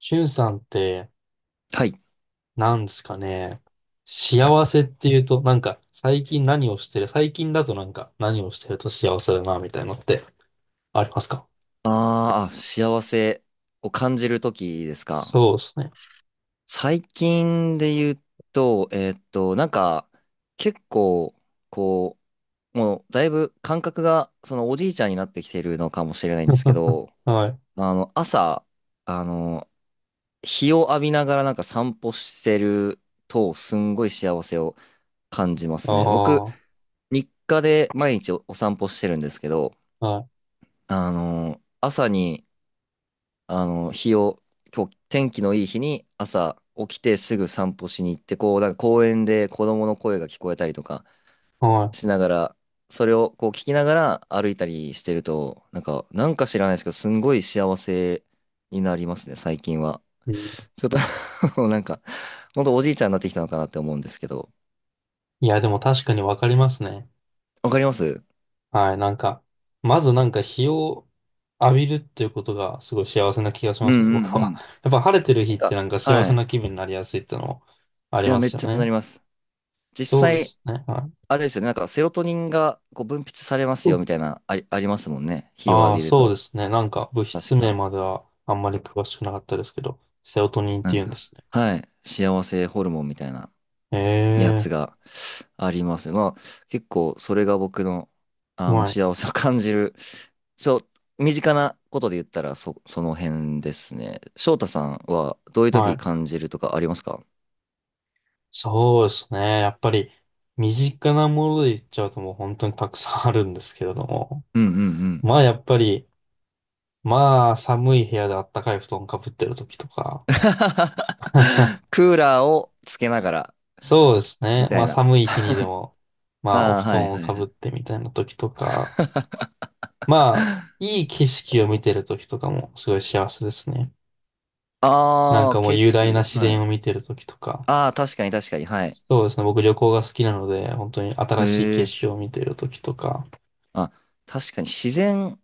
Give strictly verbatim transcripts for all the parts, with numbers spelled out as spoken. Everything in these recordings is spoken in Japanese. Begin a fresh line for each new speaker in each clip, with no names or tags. しゅんさんって、
はい。
なんですかね。幸せっていうと、なんか、最近何をしてる、最近だとなんか、何をしてると幸せだな、みたいなのってありますか？
あーあ、幸せを感じるときですか？
そうですね。
最近で言うと、えーっと、なんか、結構、こう、もう、だいぶ感覚が、その、おじいちゃんになってきてるのかもしれないんですけ ど、
はい。
まあの、朝、あの、日を浴びながらなんか散歩してると、すんごい幸せを感じま
あ
すね。
あ、
僕、
は
日課で毎日お、お散歩してるんですけど、
い。
あの、朝に、あの、日を、今日天気のいい日に朝起きてすぐ散歩しに行って、こう、なんか公園で子供の声が聞こえたりとか
は
しながら、それをこう聞きながら歩いたりしてると、なんか、なんか知らないですけど、すんごい幸せになりますね、最近は。
い。うん。
ちょっと もうなんか、ほんとおじいちゃんになってきたのかなって思うんですけど、
いや、でも確かにわかりますね。
わかります。
はい。なんか、まずなんか日を浴びるっていうことがすごい幸せな気がし
うん
ま
う
すね、
んう
僕は。
ん。
やっぱ晴れてる日
なん
って
か、
なんか幸
は
せ
い。
な気分になりやすいってのもあり
いや、
ま
めっ
すよ
ちゃな
ね。
ります。実
そうで
際、
すね。は
あれですよね、なんかセロトニンがこう分泌されま
い。
すよみたいな、あり、ありますもんね。日を浴
ああ、
びる
そうで
と。
すね。なんか物
確
質名
か。
まではあんまり詳しくなかったですけど、セロトニンっ
な
て
ん
言うんで
か、
すね。
はい。幸せホルモンみたいな
え
やつ
え、
があります。まあ、結構それが僕の、あの、
はい。
幸せを感じる。そう、身近なことで言ったらそ、その辺ですね。翔太さんはどういう
は
時
い。
感じるとかありますか？
そうですね。やっぱり身近なもので言っちゃうともう本当にたくさんあるんですけれども。
うんうんうん。
まあやっぱり、まあ寒い部屋であったかい布団かぶってる時とか。
クーラーをつけながら、
そうですね。
みた
ま
い
あ
な。
寒い日にでも、まあお
ああ、
布
はい
団を
は
かぶっ
い。
てみたいな時とか。まあ、いい景色を見てる時とかもすごい幸せですね。なん
ああ、
かもう
景
雄大な
色。
自
は
然
い。
を見てる時とか、
ああ、確かに確かに。はい。
そうですね、僕旅行が好きなので、本当に
へ
新しい景
え。
色を見てる時とか、
あ、確かに自然っ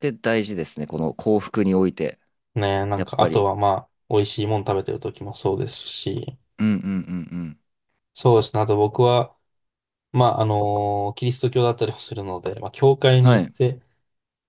て大事ですね。この幸福において。
ね、なん
やっ
かあ
ぱ
と
り。
はまあ、美味しいもの食べてる時もそうですし、
うんうんうんうん。
そうですね、あと僕は、まあ、あのキリスト教だったりもするので、まあ、教会に
は
行っ
い。
て、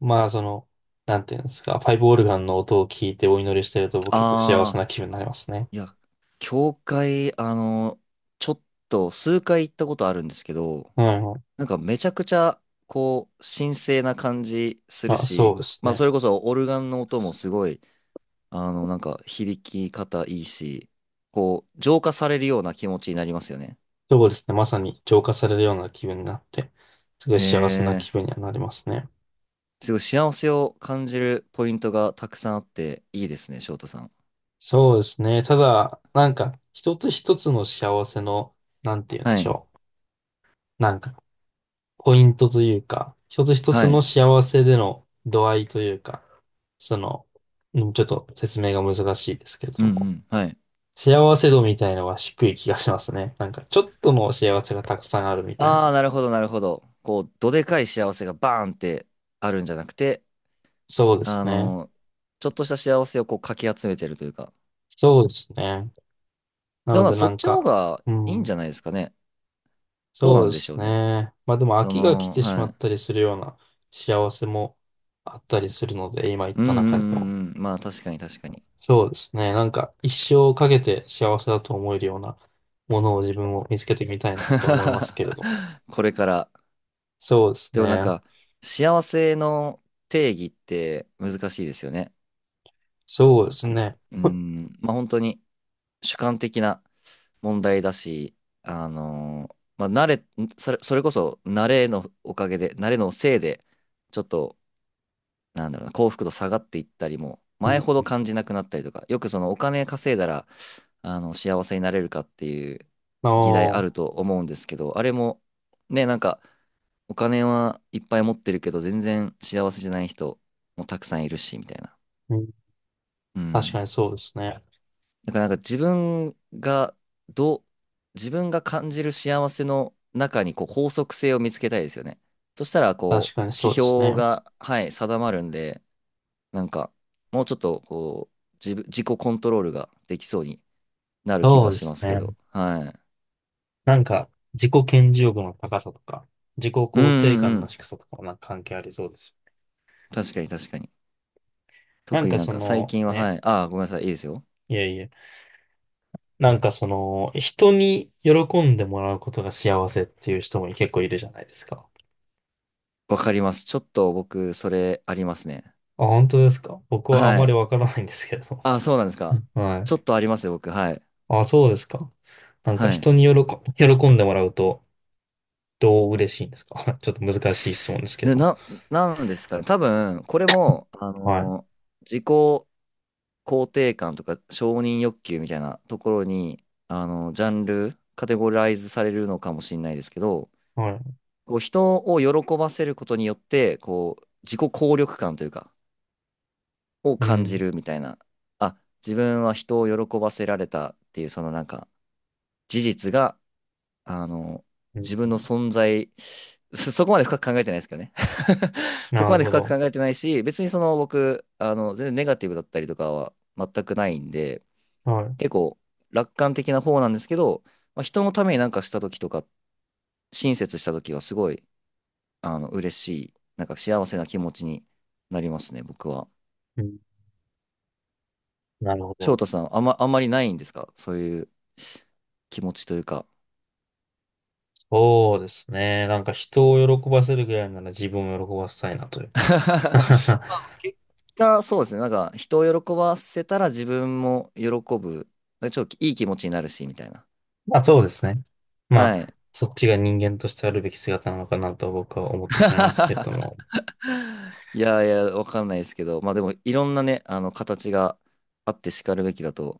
まあ、その、なんていうんですか、パイプオルガンの音を聞いてお祈りしてると、僕結構幸せ
ああ、
な気分になりますね。
いや、教会、あの、ちょっと数回行ったことあるんですけど、
うんうん、
なんかめちゃくちゃ、こう、神聖な感じする
まあ、そう
し、
です
まあ、そ
ね。
れこそオルガンの音もすごい、あの、なんか響き方いいし、こう、浄化されるような気持ちになりますよね。
そうですね、まさに浄化されるような気分になって、すごい
え
幸せな気
ー、
分にはなりますね。
すごい幸せを感じるポイントがたくさんあっていいですね、翔太さん。
そうですね。ただ、なんか、一つ一つの幸せの、なんて言うんで
は
し
い。
ょう。なんか、ポイントというか、一つ一つ
は
の
い。
幸せでの度合いというか、その、うんちょっと説明が難しいですけれ
う
ど
んう
も、
ん。はい。
幸せ度みたいのは低い気がしますね。なんか、ちょっとの幸せがたくさんあるみたい
ああ、
な。
なるほど、なるほど。こう、どでかい幸せがバーンってあるんじゃなくて、
そうで
あ
すね。
の、ちょっとした幸せをこうかき集めてるというか。
そうですね。な
でも
の
なん
で、
かそ
な
っ
ん
ちの方
か、
が
う
いいんじ
ん。
ゃないですかね。どう
そ
な
う
ん
で
でしょ
す
うね。
ね。まあでも飽
そ
きが来
の、
てしま
はい。
ったりするような幸せもあったりするので、今言っ
うんう
た中に
ん
も。
うんうん。まあ確かに確かに。
そうですね。なんか一生かけて幸せだと思えるようなものを自分も見つけてみたいなとは思いますけれども。
これから
そうです
でもなん
ね。
か、幸せの定義って難しいですよね。
そうですね。
う ん、まあ本当に主観的な問題だし、あのーまあ慣れ、それ、それこそ慣れのおかげで、慣れのせいで、ちょっと、なんだろうな、幸福度下がっていったりも、
う
前
ん、
ほど感じなくなったりとか、よくそのお金稼いだら、あの、幸せになれるかっていう
あ
議題ある
あ、
と思うんですけど、あれも、ね、なんか、お金はいっぱい持ってるけど、全然幸せじゃない人もたくさんいるし、みたいな。
うん、
う
確か
ん。
にそうですね。
だからなんか自分が、どう、自分が感じる幸せの中にこう法則性を見つけたいですよね。そしたら、こ
確
う、
かにそ
指
うです
標
ね。
が、はい、定まるんで、なんか、もうちょっと、こう、自分、自己コントロールができそうになる気
そう
が
で
しま
す
すけど、
ね。
はい。
なんか自己顕示欲の高さとか、自己
うん
肯定
うん
感
う
の
ん。
低さとかもなんか関係ありそうです。
確かに確かに。
なん
特に
か
なん
そ
か最
の、
近は、は
ね、
い。ああ、ごめんなさい。いいですよ。
いやいや、なんかその、人に喜んでもらうことが幸せっていう人も結構いるじゃないですか。
わかります。ちょっと僕、それありますね。
あ、本当ですか？僕はあん
は
まり
い。
わからないんですけれども。
ああ、そうなんですか？
は
ちょっ
い。
とありますよ、僕。はい。
あ、そうですか。なんか
はい。
人に喜、喜んでもらうと、どう嬉しいんですか？ ちょっと難しい質問ですけ
で、
ど。
な、なんですかね。多分、これも、あ
はい。
のー自己肯定感とか承認欲求みたいなところに、あのージャンル、カテゴライズされるのかもしれないですけど、
はい。
こう、人を喜ばせることによって、こう、自己効力感というか、を
う
感じ
ん。
るみたいな。あ、自分は人を喜ばせられたっていうそのなんか事実が、あの、
う
自分の
ん、
存在、そそこまで深く考えてないですけどね。そ
な
こま
る
で
ほ
深く考
ど。
えてないし、別にその僕、あの、全然ネガティブだったりとかは全くないんで、
はい。
結構楽観的な方なんですけど、まあ、人のためになんかした時とか、親切した時はすごい、あの、嬉しい、なんか幸せな気持ちになりますね、僕は。
うん、なるほ
翔
ど。
太さん、あんま、あんまりないんですか？そういう気持ちというか。
そうですね。なんか人を喜ばせるぐらいなら自分を喜ばせたいなというか。
結果、そうですね。なんか、人を喜ばせたら自分も喜ぶ。なんかちょっといい気持ちになるし、みたいな。
まあそうですね。ま
は
あ、
い。
そっちが人間としてあるべき姿なのかなと僕は思ってしまいますけれど も。
いやいや、わかんないですけど、まあでも、いろんなね、あの、形があってしかるべきだと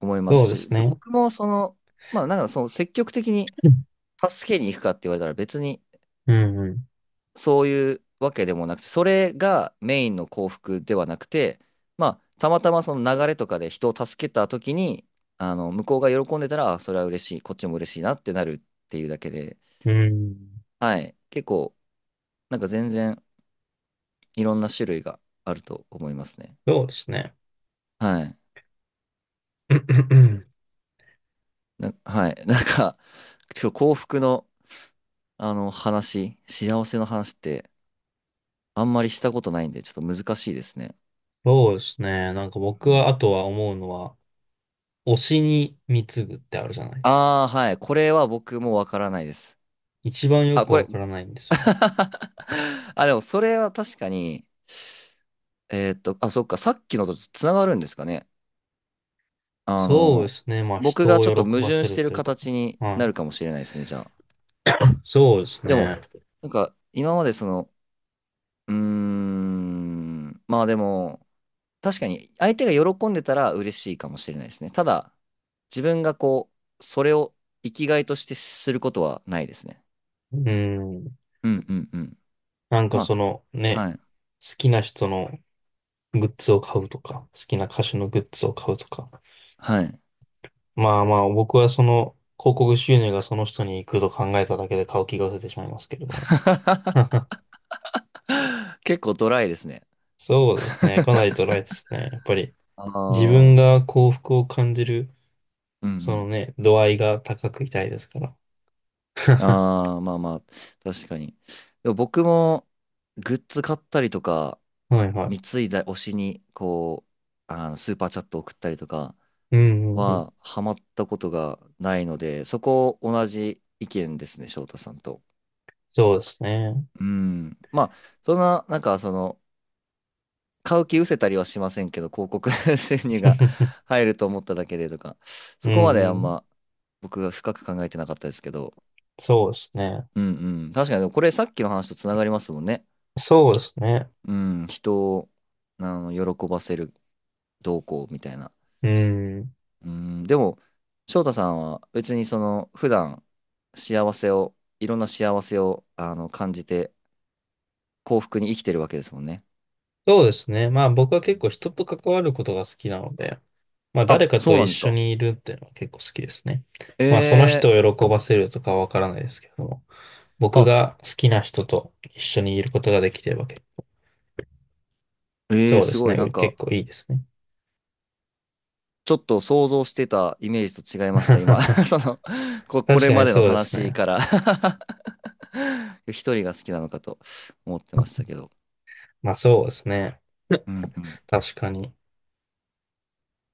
思いま
そ
す
うで
し、
すね。
僕もその、まあなんか、その積極的に助けに行くかって言われたら別に、
うん、うん、
そういうわけでもなくて、それがメインの幸福ではなくて、まあ、たまたまその流れとかで人を助けた時に、あの、向こうが喜んでたら、あそれは嬉しい、こっちも嬉しいなってなるっていうだけで、
うん。
はい。結構、なんか全然いろんな種類があると思いますね。
そうですね。
はい。な、はい。なんか、今日幸福の、あの話、幸せの話ってあんまりしたことないんで、ちょっと難しいですね。
そうですね。なんか
う
僕は、あ
ん、
とは思うのは、推しに貢ぐってあるじゃないですか。
ああ、はい。これは僕もわからないです。
一番よ
あ、
く
こ
わ
れ。
からないんですよね。
あ、でもそれは確かに、えーっと、あ、そっか、さっきのとつながるんですかね。あ
そうで
の、
すね。まあ
僕
人
がちょっと
を喜
矛
ば
盾
せ
し
る
てる
というか。
形に
は
なる
い。
かもしれないですね、じゃあ。
そうです
でも、
ね。
なんか、今までその、うーん、まあでも、確かに相手が喜んでたら嬉しいかもしれないですね。ただ、自分がこう、それを生きがいとしてすることはないですね。
うん。
うんうんうん。
なんか
ま
その
あ、
ね、
はい。
好きな人のグッズを買うとか、好きな歌手のグッズを買うとか。
はい。
まあまあ、僕はその、広告収入がその人に行くと考えただけで買う気が出てしまいますけれども。
結構ドライですね。
そうですね。かなりドライですね。やっぱり、
あ
自
あ、う
分
ん
が幸福を感じる、
う
その
ん。
ね、度合いが高くいたいですから。
ああ、まあまあ、確かに。でも僕もグッズ買ったりとか、
はいはい。
貢いだ推しに、こう、あのスーパーチャット送ったりとか
うんうんうん。
は、ハマったことがないので、そこ同じ意見ですね、翔太さんと。
そうですね。
うん。まあ、そんな、なんか、その、買う気失せたりはしませんけど、広告 収入が 入ると思っただけでとか、
う
そこまであ
んう
ん
ん。
ま僕が深く考えてなかったですけど、
そうですね。
うんうん。確かに、これさっきの話とつながりますもんね。
そうですね。
うん、人を、あの、喜ばせる動向みたいな。
うん。
うん、でも、翔太さんは別にその、普段、幸せを、いろんな幸せを、あの、感じて、幸福に生きてるわけですもんね。
そうですね。まあ僕は
う
結
ん。
構人と関わることが好きなので、まあ、誰
あ、
か
そう
と
な
一
んです
緒
か？
にいるっていうのは結構好きですね。
え
まあ、その人
ー、
を喜ばせるとかはわからないですけども、僕
あ、
が好きな人と一緒にいることができているわけ。
えー、
そうで
す
す
ご
ね。
い、なん
う
か、
結構いいですね。
ちょっと想像してたイメージと違いました、今。そ の、こ、こ
確
れ
か
ま
に
での
そうです
話
ね。
から 一人が好きなのかと思ってましたけど。
まあ、そうですね。
うんうん。
確かに。